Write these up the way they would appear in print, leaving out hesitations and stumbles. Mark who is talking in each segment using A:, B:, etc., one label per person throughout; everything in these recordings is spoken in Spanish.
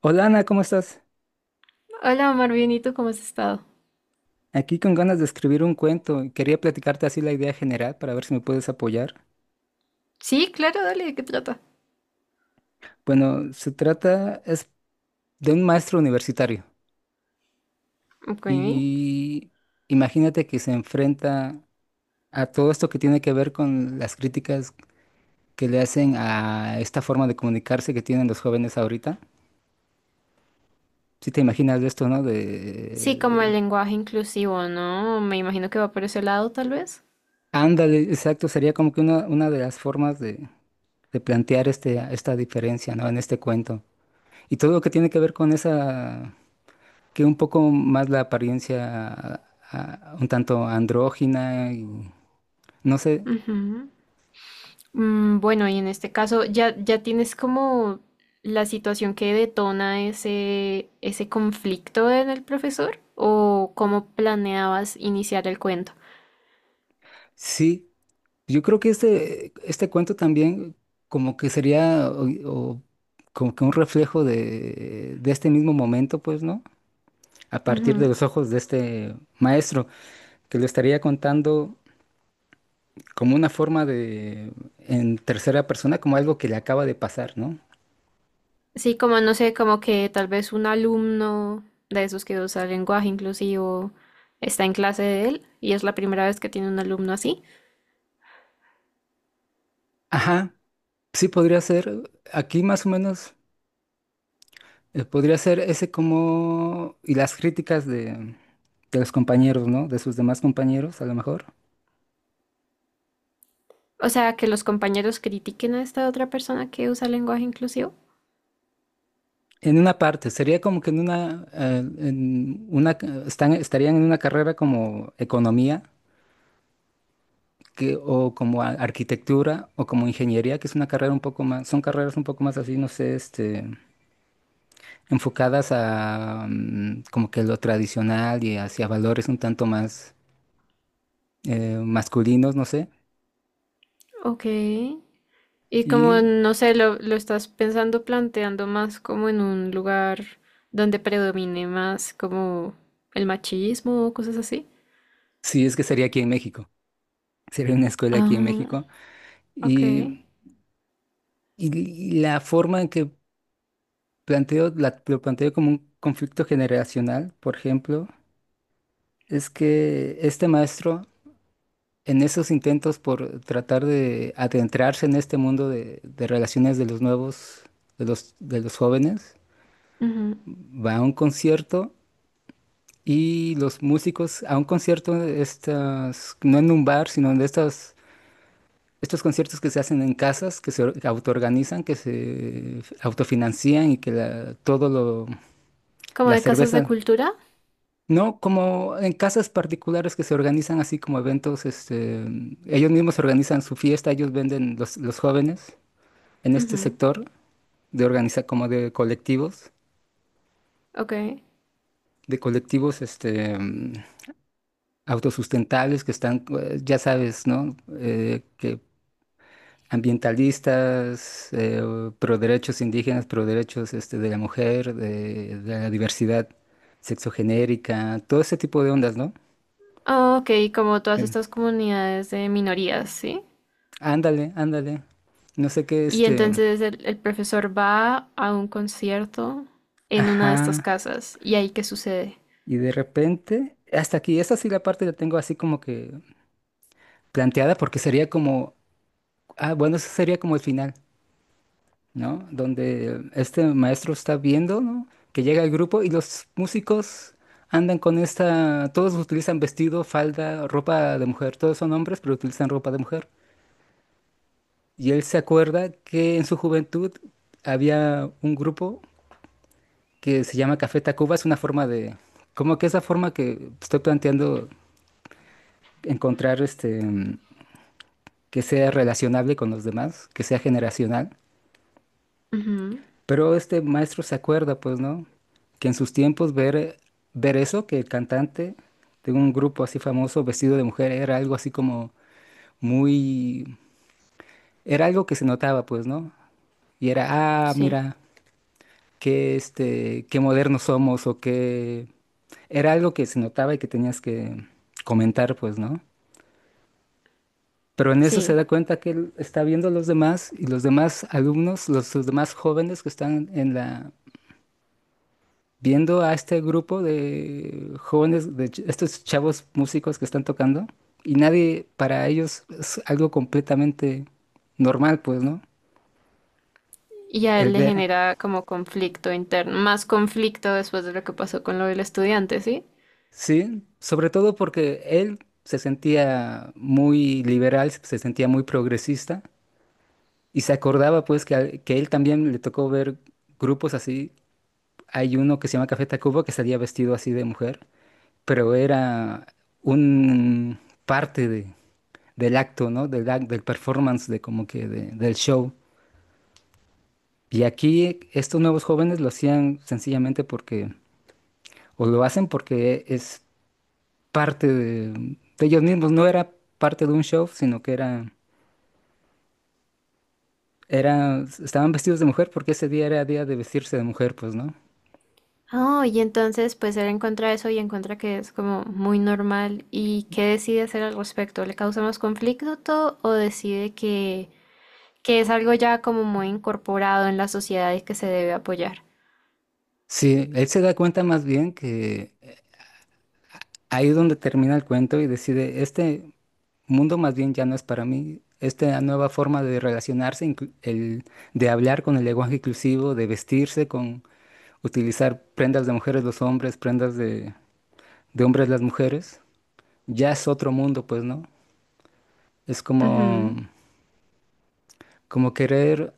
A: Hola Ana, ¿cómo estás?
B: Hola, Omar, bien, ¿y tú cómo has estado?
A: Aquí con ganas de escribir un cuento y quería platicarte así la idea general para ver si me puedes apoyar.
B: Sí, claro, dale, ¿de qué trata?
A: Bueno, se trata es de un maestro universitario,
B: Ok.
A: y imagínate que se enfrenta a todo esto que tiene que ver con las críticas que le hacen a esta forma de comunicarse que tienen los jóvenes ahorita. Si te imaginas de esto, ¿no?
B: Sí, como el
A: De
B: lenguaje inclusivo, ¿no? Me imagino que va por ese lado, tal vez.
A: ándale, exacto, sería como que una de las formas de plantear este, esta diferencia, ¿no? En este cuento. Y todo lo que tiene que ver con esa, que un poco más la apariencia un tanto andrógina y no sé.
B: Ujú. Bueno, y en este caso ya tienes como la situación que detona ese conflicto en el profesor, o cómo planeabas iniciar el cuento.
A: Sí, yo creo que este cuento también como que sería o como que un reflejo de este mismo momento, pues, ¿no? A partir de los ojos de este maestro, que lo estaría contando como una forma de, en tercera persona, como algo que le acaba de pasar, ¿no?
B: Sí, como no sé, como que tal vez un alumno de esos que usa lenguaje inclusivo está en clase de él y es la primera vez que tiene un alumno así.
A: Ajá, sí podría ser. Aquí más o menos. Podría ser ese como... y las críticas de los compañeros, ¿no? De sus demás compañeros, a lo mejor.
B: O sea, que los compañeros critiquen a esta otra persona que usa lenguaje inclusivo.
A: En una parte, sería como que en una... estarían en una carrera como economía, que, o como arquitectura, o como ingeniería, que es una carrera un poco más... Son carreras un poco más así, no sé, este, enfocadas a como que lo tradicional y hacia valores un tanto más masculinos, no sé.
B: Ok. Y como
A: Y
B: no sé, lo estás pensando planteando más como en un lugar donde predomine más como el machismo o cosas así.
A: sí, es que sería aquí en México. Sería una escuela aquí en
B: Ah,
A: México.
B: ok.
A: Y, y- y la forma en que planteo, lo planteo como un conflicto generacional, por ejemplo, es que este maestro, en esos intentos por tratar de adentrarse en este mundo de relaciones de los nuevos, de los jóvenes,
B: Ujú.
A: va a un concierto. Y los músicos a un concierto de estas, no en un bar, sino de estas estos conciertos que se hacen en casas, que se autoorganizan, que se autofinancian y que todo lo,
B: Como
A: la
B: de casas de
A: cerveza,
B: cultura.
A: no como en casas particulares que se organizan así como eventos, este, ellos mismos organizan su fiesta, ellos venden los jóvenes en este
B: Ujú.
A: sector de organizar como de colectivos,
B: Ok.
A: este, autosustentables que están, ya sabes, ¿no? Que ambientalistas, pro derechos indígenas, pro derechos este, de la mujer, de la diversidad sexogenérica, todo ese tipo de ondas, ¿no?
B: Ah, ok, como todas
A: Em,
B: estas comunidades de minorías, ¿sí?
A: ándale, ándale. No sé qué,
B: Y
A: este.
B: entonces el profesor va a un concierto en una de estas
A: Ajá.
B: casas y ahí qué sucede.
A: Y de repente, hasta aquí, esa sí la parte la tengo así como que planteada porque sería como. Ah, bueno, eso sería como el final. ¿No? Donde este maestro está viendo, ¿no? Que llega el grupo y los músicos andan con esta, todos utilizan vestido, falda, ropa de mujer, todos son hombres, pero utilizan ropa de mujer. Y él se acuerda que en su juventud había un grupo que se llama Café Tacuba, es una forma de, como que esa forma que estoy planteando encontrar este, que sea relacionable con los demás, que sea generacional.
B: Ujú.
A: Pero este maestro se acuerda, pues, ¿no? Que en sus tiempos ver eso, que el cantante de un grupo así famoso vestido de mujer era algo así como muy... Era algo que se notaba, pues, ¿no? Y era, ah,
B: Sí,
A: mira, qué, este, qué modernos somos o qué... Era algo que se notaba y que tenías que comentar, pues, ¿no? Pero en eso se
B: sí.
A: da cuenta que él está viendo a los demás y los demás alumnos, los demás jóvenes que están en la, viendo a este grupo de jóvenes, estos chavos músicos que están tocando, y nadie, para ellos es algo completamente normal, pues, ¿no?
B: Y a
A: El
B: él le
A: ver.
B: genera como conflicto interno, más conflicto después de lo que pasó con lo del estudiante, ¿sí?
A: Sí, sobre todo porque él se sentía muy liberal, se sentía muy progresista, y se acordaba, pues, que, que él también le tocó ver grupos así. Hay uno que se llama Café Tacuba que salía vestido así de mujer. Pero era un parte de, del acto, ¿no? Del, del performance, de como que del show. Y aquí estos nuevos jóvenes lo hacían sencillamente porque, o lo hacen porque es parte de ellos mismos, no era parte de un show, sino que era, era, estaban vestidos de mujer porque ese día era día de vestirse de mujer, pues, ¿no?
B: Oh, y entonces pues él encuentra eso y encuentra que es como muy normal y ¿qué decide hacer al respecto? ¿Le causa más conflicto o decide que es algo ya como muy incorporado en la sociedad y que se debe apoyar?
A: Sí, él se da cuenta más bien que ahí es donde termina el cuento y decide, este, mundo más bien ya no es para mí. Esta nueva forma de relacionarse, de hablar con el lenguaje inclusivo, de vestirse con utilizar prendas de mujeres los hombres, prendas de hombres las mujeres, ya es otro mundo, pues, ¿no? Es como,
B: Ujú.
A: como querer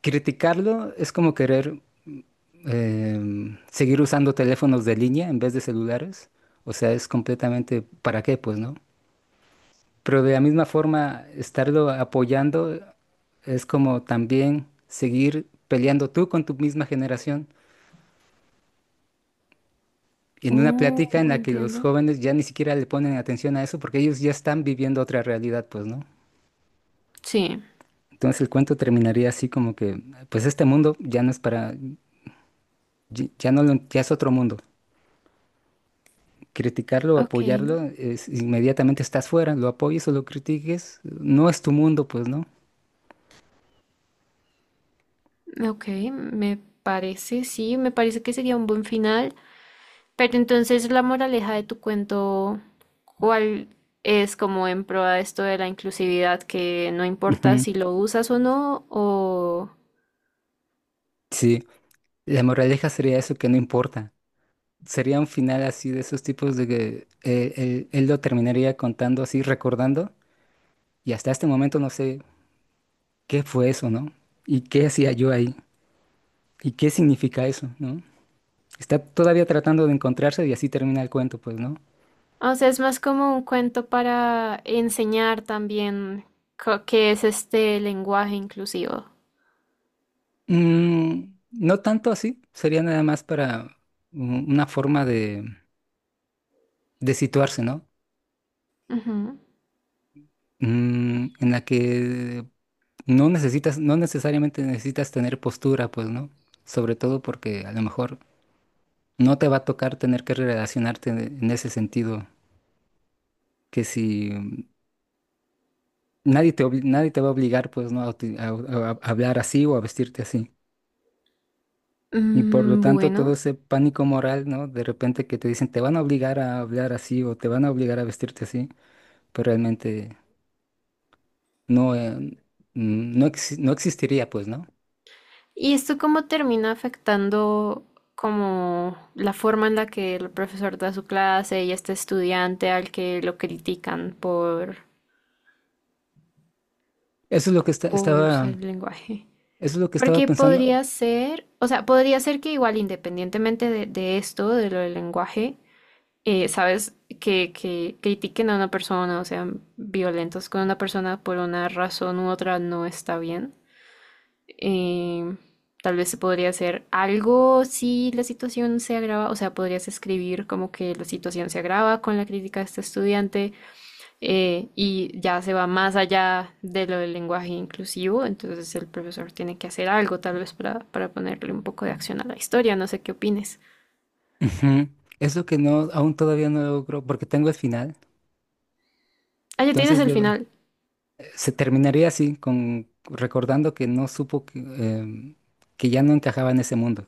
A: criticarlo, es como querer seguir usando teléfonos de línea en vez de celulares. O sea, es completamente, ¿para qué, pues, no? Pero de la misma forma, estarlo apoyando es como también seguir peleando tú con tu misma generación. Y en una plática en la que los
B: Entiendo.
A: jóvenes ya ni siquiera le ponen atención a eso porque ellos ya están viviendo otra realidad, pues, ¿no?
B: Sí,
A: Entonces el cuento terminaría así como que, pues este mundo ya no es para, ya no ya es otro mundo. Criticarlo,
B: ok,
A: apoyarlo, inmediatamente estás fuera, lo apoyes o lo critiques, no es tu mundo, pues, ¿no?
B: ok, me parece, sí, me parece que sería un buen final, pero entonces la moraleja de tu cuento, ¿cuál es? Como en pro de esto de la inclusividad, que no importa
A: Ujú.
B: si lo usas o no,
A: Sí, la moraleja sería eso que no importa. Sería un final así de esos tipos de que él lo terminaría contando así, recordando, y hasta este momento no sé qué fue eso, ¿no? ¿Y qué hacía yo ahí? ¿Y qué significa eso, no? Está todavía tratando de encontrarse y así termina el cuento, pues, ¿no?
B: o sea, es más como un cuento para enseñar también ¿qué es este lenguaje inclusivo?
A: Mm, no tanto así, sería nada más para una forma de situarse, ¿no?
B: Ujú.
A: Mm, en la que no necesitas, no necesariamente necesitas tener postura, pues, ¿no? Sobre todo porque a lo mejor no te va a tocar tener que relacionarte en ese sentido, que si nadie te, nadie te va a obligar pues no a, a- a hablar así o a vestirte así. Y por lo tanto todo
B: Bueno,
A: ese pánico moral, ¿no? De repente que te dicen te van a obligar a hablar así o te van a obligar a vestirte así, pero realmente no, no, no existiría pues, ¿no?
B: ¿y esto cómo termina afectando como la forma en la que el profesor da su clase y este estudiante al que lo critican
A: Eso es lo que
B: por usar
A: estaba,
B: el lenguaje?
A: eso es lo que estaba
B: Porque
A: pensando.
B: podría ser, o sea, podría ser que igual independientemente de esto, de lo del lenguaje, sabes, que critiquen a una persona o sean violentos con una persona por una razón u otra no está bien. eh, Tal vez se podría hacer algo si la situación se agrava, o sea, podrías escribir como que la situación se agrava con la crítica de este estudiante. Y ya se va más allá de lo del lenguaje inclusivo, entonces el profesor tiene que hacer algo tal vez para ponerle un poco de acción a la historia, no sé qué opines.
A: Ujú. Es lo que no, aún todavía no logro, porque tengo el final.
B: Ah, ya tienes
A: Entonces,
B: el final.
A: se terminaría así, con recordando que no supo que, que ya no encajaba en ese mundo.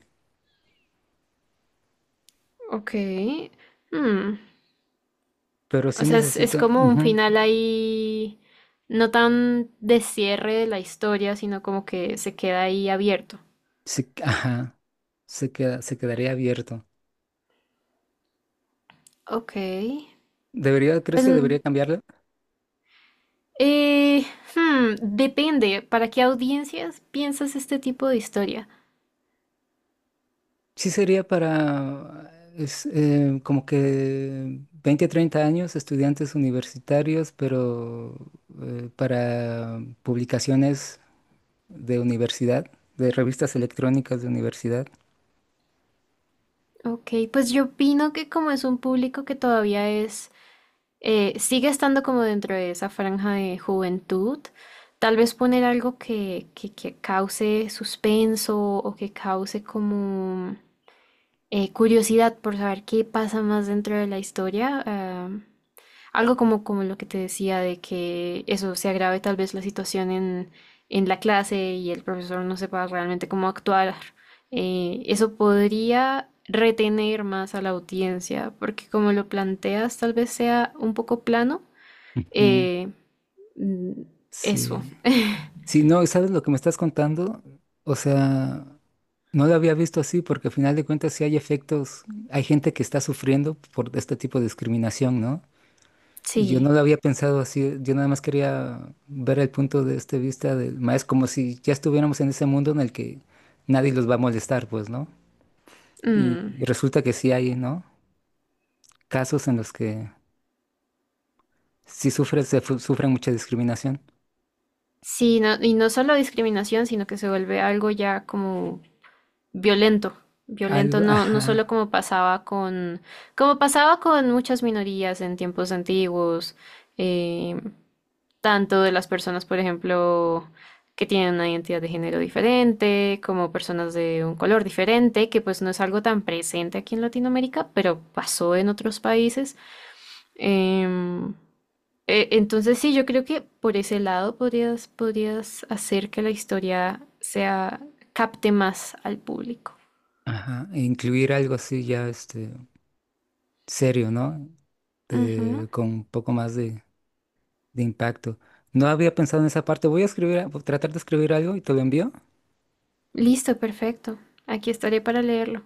B: Ok. Hmm.
A: Pero
B: O
A: sí
B: sea, es
A: necesito,
B: como un
A: ujú,
B: final ahí, no tan de cierre de la historia, sino como que se queda ahí abierto.
A: sí, ajá, se queda, se quedaría abierto.
B: Ok.
A: ¿Debería, crees
B: Pues,
A: que debería cambiarlo?
B: eh, depende, ¿para qué audiencias piensas este tipo de historia?
A: Sí sería para es, como que 20, 30 años, estudiantes universitarios, pero para publicaciones de universidad, de revistas electrónicas de universidad.
B: Ok, pues yo opino que como es un público que todavía sigue estando como dentro de esa franja de juventud, tal vez poner algo que cause suspenso o que cause como curiosidad por saber qué pasa más dentro de la historia. Algo como lo que te decía de que eso se agrave tal vez la situación en la clase y el profesor no sepa realmente cómo actuar. Eso podría retener más a la audiencia, porque como lo planteas, tal vez sea un poco plano.
A: Ujú.
B: Eh, mm, eso,
A: Sí. Sí, no, ¿sabes lo que me estás contando? O sea, no lo había visto así porque al final de cuentas sí hay efectos, hay gente que está sufriendo por este tipo de discriminación, ¿no? Y yo
B: sí.
A: no lo había pensado así, yo nada más quería ver el punto de este vista del maestro, como si ya estuviéramos en ese mundo en el que nadie los va a molestar, pues, ¿no? Y
B: Mm.
A: y resulta que sí hay, ¿no? Casos en los que sí sufre, sufre mucha discriminación.
B: Sí, no, y no solo discriminación, sino que se vuelve algo ya como violento, violento
A: Algo,
B: no, no solo
A: ajá,
B: como pasaba como pasaba con muchas minorías en tiempos antiguos, eh, tanto de las personas, por ejemplo, que tienen una identidad de género diferente, como personas de un color diferente, que pues no es algo tan presente aquí en Latinoamérica, pero pasó en otros países. Em, entonces sí, yo creo que por ese lado podrías, podrías hacer que la historia sea, capte más al público.
A: ajá, e incluir algo así ya, este, serio, ¿no?
B: Ujú.
A: Con un poco más de impacto. No había pensado en esa parte. Voy a escribir, tratar de escribir algo y te lo envío.
B: Listo, perfecto. Aquí estaré para leerlo.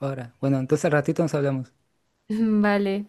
A: Ahora, bueno, entonces al ratito nos hablamos.
B: Vale.